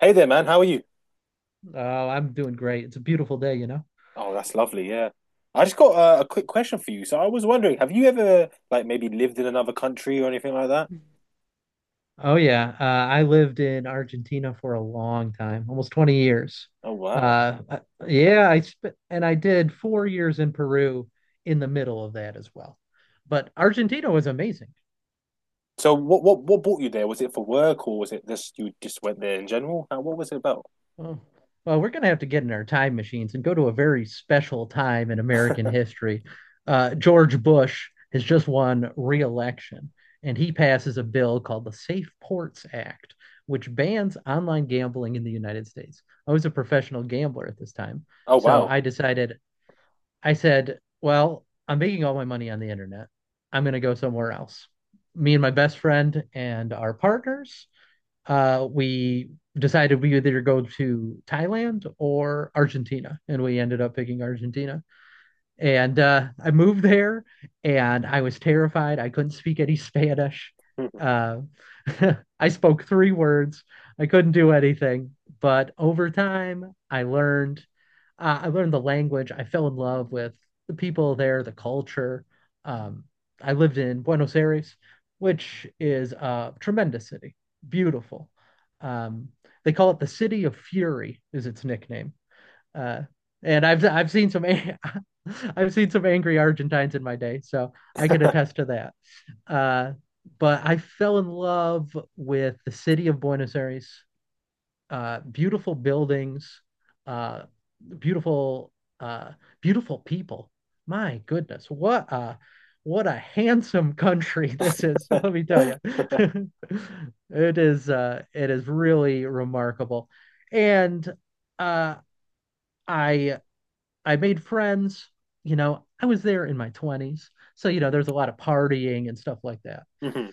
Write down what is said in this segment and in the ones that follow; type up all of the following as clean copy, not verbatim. Hey there, man. How are you? Oh, I'm doing great. It's a beautiful day, you know? Oh, that's lovely. Yeah. I just got a quick question for you. So I was wondering, have you ever like maybe lived in another country or anything like that? Oh, yeah. I lived in Argentina for a long time, almost 20 years. Oh, wow. Uh, I- yeah, I spent, and I did 4 years in Peru in the middle of that as well. But Argentina was amazing. So what brought you there? Was it for work or was it just you just went there in general? What was it about? Oh, well, we're going to have to get in our time machines and go to a very special time in American history. George Bush has just won re-election, and he passes a bill called the Safe Ports Act, which bans online gambling in the United States. I was a professional gambler at this time, Oh, so wow. I decided. I said, "Well, I'm making all my money on the internet. I'm going to go somewhere else." Me and my best friend and our partners we decided we either go to Thailand or Argentina, and we ended up picking Argentina. And I moved there and I was terrified. I couldn't speak any Spanish. Uh, I spoke three words. I couldn't do anything. But over time, I learned. I learned the language. I fell in love with the people there, the culture. Um, I lived in Buenos Aires, which is a tremendous city, beautiful. Um, they call it the City of Fury, is its nickname uh, and I've seen some I've seen some angry Argentines in my day, so I can attest to that. Uh, but I fell in love with the city of Buenos Aires. Beautiful buildings, uh, beautiful uh, beautiful people. My goodness, what a handsome country this is. Let me tell you, it is really remarkable, and uh, I I made friends. You know, I was there in my 20s. So, you know, there's a lot of partying and stuff like that. Mhm.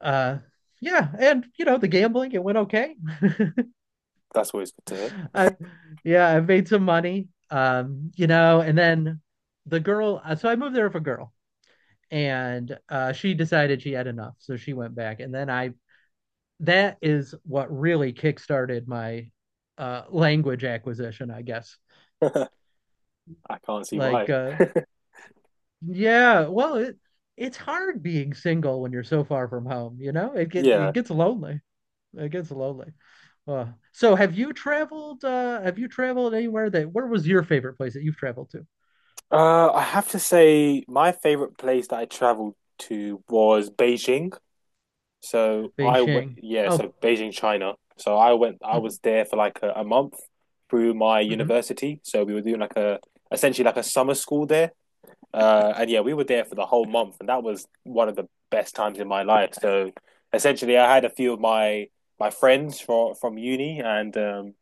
Uh, yeah. And, you know, the gambling, it went okay. That's always good to hear. I, yeah, I made some money. You know, and then the girl, so I moved there with a girl and she decided she had enough. So she went back. That is what really kickstarted my language acquisition, I guess. I can't see why. Like, uh, Yeah, well, it's hard being single when you're so far from home, you know? Yeah. It gets lonely. It gets lonely. Uh, so have you traveled have you traveled anywhere that where was your favorite place that you've traveled to? I have to say my favorite place that I traveled to was Beijing. So I went, Beijing. yeah, Oh. so Beijing, China. So I went, I Hmm. was there for like a month through my Hmm. university. So we were doing like essentially like a summer school there. And yeah, we were there for the whole month, and that was one of the best times in my life. So essentially, I had a few of my friends from uni, and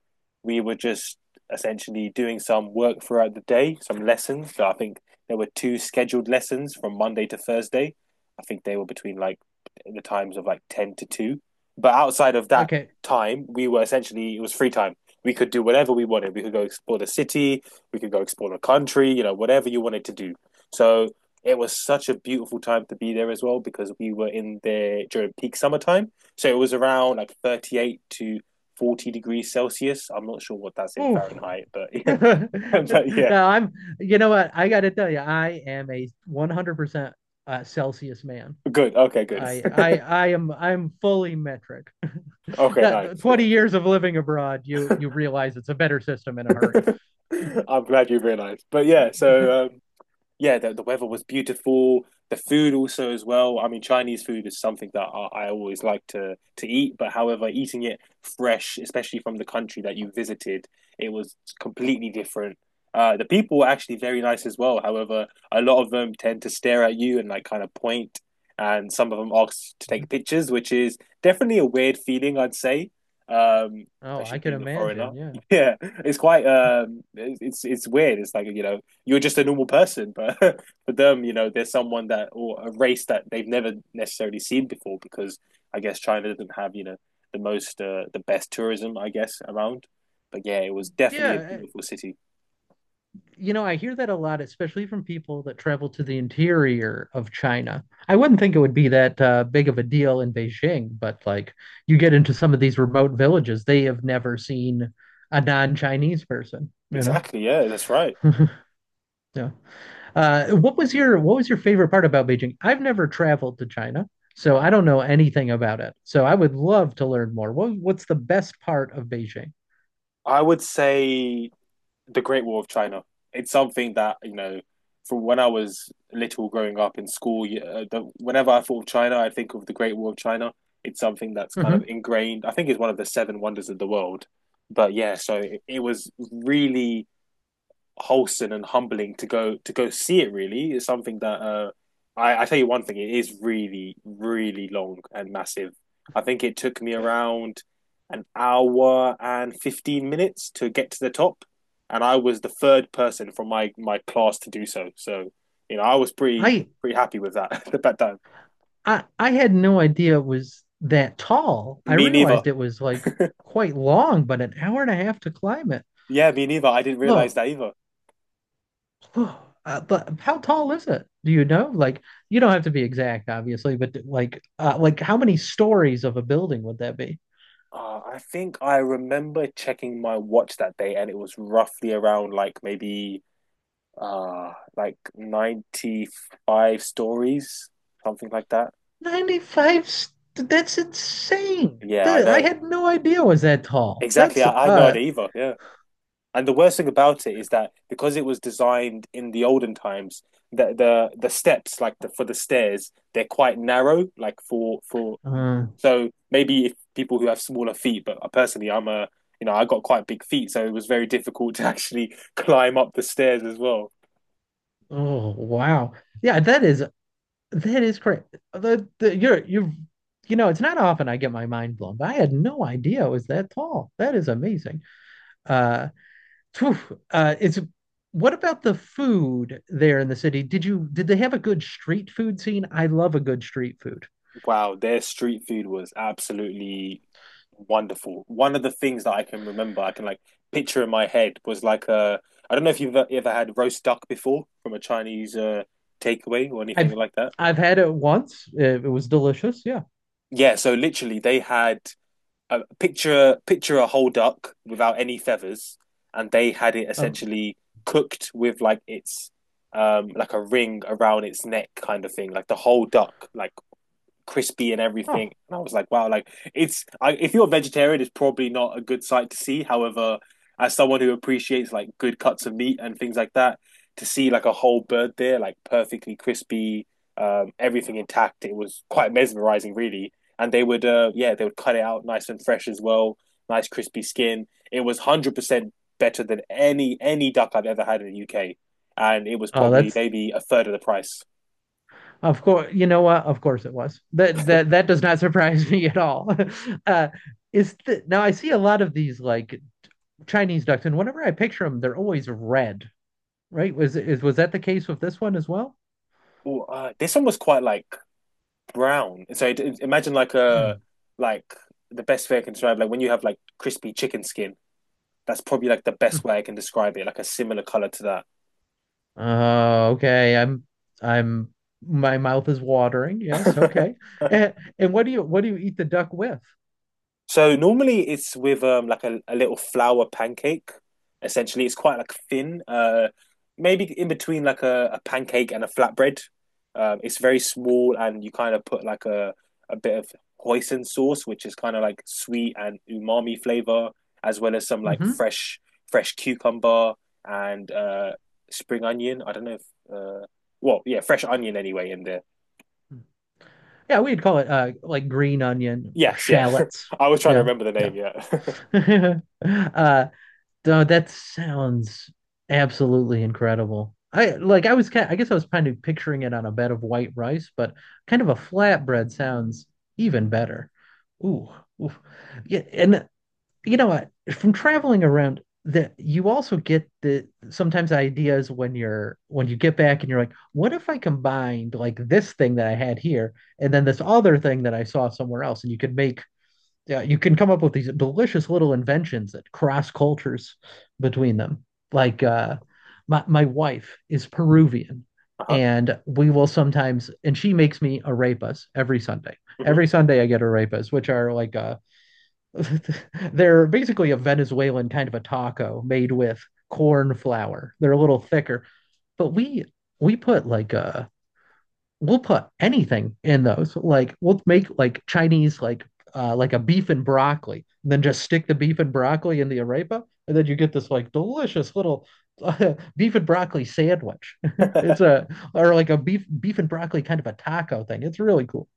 we were just essentially doing some work throughout the day, some lessons. So I think there were two scheduled lessons from Monday to Thursday. I think they were between like the times of like ten to two. But outside of that Okay. time, we were essentially it was free time. We could do whatever we wanted. We could go explore the city. We could go explore the country. You know, whatever you wanted to do. So it was such a beautiful time to be there as well because we were in there during peak summertime. So it was around like 38 to 40 degrees Celsius. I'm not sure what that's in Ooh. Fahrenheit, but yeah. But yeah, Now I'm You know what? I gotta tell you, I am a 100% Celsius man. good. Okay, good. I'm fully metric. Okay, That nice. Yeah. 20 years of living abroad, you realize it's a better system in a hurry. I'm glad you realized. But yeah, yeah, the weather was beautiful. The food also as well. I mean, Chinese food is something that I always like to eat. But however, eating it fresh, especially from the country that you visited, it was completely different. The people were actually very nice as well. However, a lot of them tend to stare at you and like kind of point, and some of them ask to take pictures, which is definitely a weird feeling, I'd say. Um, Oh, I Especially can being a foreigner. imagine. Yeah. Yeah, it's quite it's weird. It's like, you know, you're just a normal person. But for them, you know, there's someone that or a race that they've never necessarily seen before because I guess China doesn't have, you know, the most the best tourism I guess around. But yeah, it was definitely a Yeah, eh, beautiful city. you know, I hear that a lot, especially from people that travel to the interior of China. I wouldn't think it would be that big of a deal in Beijing, but like you get into some of these remote villages, they have never seen a non-Chinese person, you know? Exactly. Yeah, that's right. Yeah. What was your what was your favorite part about Beijing? I've never traveled to China, so I don't Uh-huh. know anything about it. So I would love to learn more. What what's the best part of Beijing? I would say the Great War of China. It's something that, you know, from when I was little growing up in school. Yeah. Whenever I thought of China, I think of the Great War of China. It's something that's kind of Hmm. ingrained. I think it's one of the seven wonders of the world. But yeah, so it was really wholesome and humbling to go see it. Really, it's something that I tell you one thing: it is really, really long and massive. I think it took me around an hour and 15 minutes to get to the top, and I was the third person from my class to do so. So, you know, I was pretty I pretty happy with that at that time. I had no idea it was that tall. I Me neither. realized it was like quite long, but an hour and a half to climb it. Yeah, me neither. I didn't realize Well, that either. But how tall is it? Do you know? You don't have to be exact, obviously, but like how many stories of a building would that be? I think I remember checking my watch that day, and it was roughly around like maybe like 95 stories, something like that. That's insane. Yeah, I I know. had no idea it was that tall. Exactly. That's I had no idea either. Yeah. And the worst thing about it is that because it was designed in the olden times, the steps like the for the stairs, they're quite narrow, like for uh so maybe if people who have smaller feet, but personally I'm a you know, I got quite big feet, so it was very difficult to actually climb up the stairs as well. Oh, wow. Yeah, that is correct. The you're you You know, it's not often I get my mind blown, but I had no idea it was that tall. That is amazing. Uh Phew, is What about the food there in the city? Did they have a good street food scene? I love a good street food. Wow, their street food was absolutely wonderful. One of the things that I can remember, I can like picture in my head was like a I don't know if you've ever had roast duck before from a Chinese takeaway or anything I've like that. I've had it once. It was delicious. Yeah. Yeah, so literally they had a picture a whole duck without any feathers, and they had it Um, essentially cooked with like its like a ring around its neck kind of thing, like the whole duck, like crispy and oh, everything. And I was like, wow, like if you're a vegetarian, it's probably not a good sight to see. However, as someone who appreciates like good cuts of meat and things like that, to see like a whole bird there, like perfectly crispy, everything intact, it was quite mesmerizing, really. And they would, yeah, they would cut it out nice and fresh as well, nice crispy skin. It was 100% better than any duck I've ever had in the UK, and it was oh, probably that's maybe a third of the price. of course. You know what? Of course it was. That does not surprise me at all. Uh, Now I see a lot of these like Chinese ducks, and whenever I picture them, they're always red. Right? Was that the case with this one as well? Ooh, this one was quite like brown. So imagine like a Hmm. like the best way I can describe like when you have like crispy chicken skin. That's probably like the Hmm. best way I can describe it, like a similar color to Okay. I'm My mouth is watering. Yes, that. okay. And, and what do you eat the duck with? So normally it's with like a little flour pancake. Essentially, it's quite like thin. Maybe in between like a pancake and a flatbread. It's very small, and you kind of put like a bit of hoisin sauce, which is kind of like sweet and umami flavor, as well as some like Hmm. Fresh cucumber and spring onion. I don't know if uh well yeah fresh onion anyway in there. Yeah, we'd call it like green onion or Yes, yeah. shallots. I was trying to Yeah, remember the yeah. name. Yeah. Uh, no, that sounds absolutely incredible. I guess I was kind of picturing it on a bed of white rice, but kind of a flatbread sounds even better. Ooh, ooh. Yeah, and you know what? From traveling around, that you also get the sometimes ideas when you're when you get back and you're like, what if I combined like this thing that I had here and then this other thing that I saw somewhere else, and you could make yeah, you can come up with these delicious little inventions that cross cultures between them. Like uh, my wife is Peruvian, Uh and we will sometimes and she makes me arepas every Sunday. huh. Every Sunday I get arepas, which are like they're basically a Venezuelan kind of a taco made with corn flour. They're a little thicker, but we put like we'll put anything in those. Like we'll make like Chinese like a beef and broccoli, and then just stick the beef and broccoli in the arepa, and then you get this like delicious little beef and broccoli sandwich. Hmm. It's a or Like a beef and broccoli kind of a taco thing. It's really cool.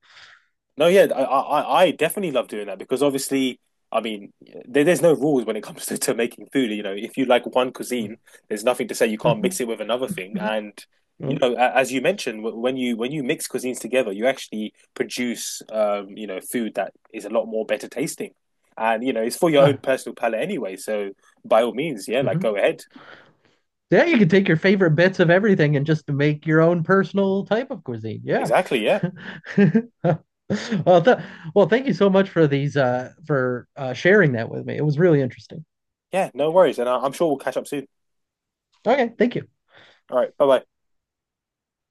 No, yeah, I definitely love doing that because obviously, I mean, there's no rules when it comes to making food. You know, if you like one cuisine, there's nothing to say you can't mix Mhm. it with another thing. Mhm. And you Oh. know, as you mentioned, when you mix cuisines together, you actually produce, you know, food that is a lot more better tasting. And you know, it's for your own Ah. personal palate anyway. So by all means, yeah, like Mhm. go ahead. Yeah, you can take your favorite bits of everything and just make your own personal type of cuisine. Yeah. Exactly, yeah, Well, thank you so much for these for sharing that with me. It was really interesting. yeah, no worries. And I'm sure we'll catch up soon. Okay, thank you. All right, bye bye.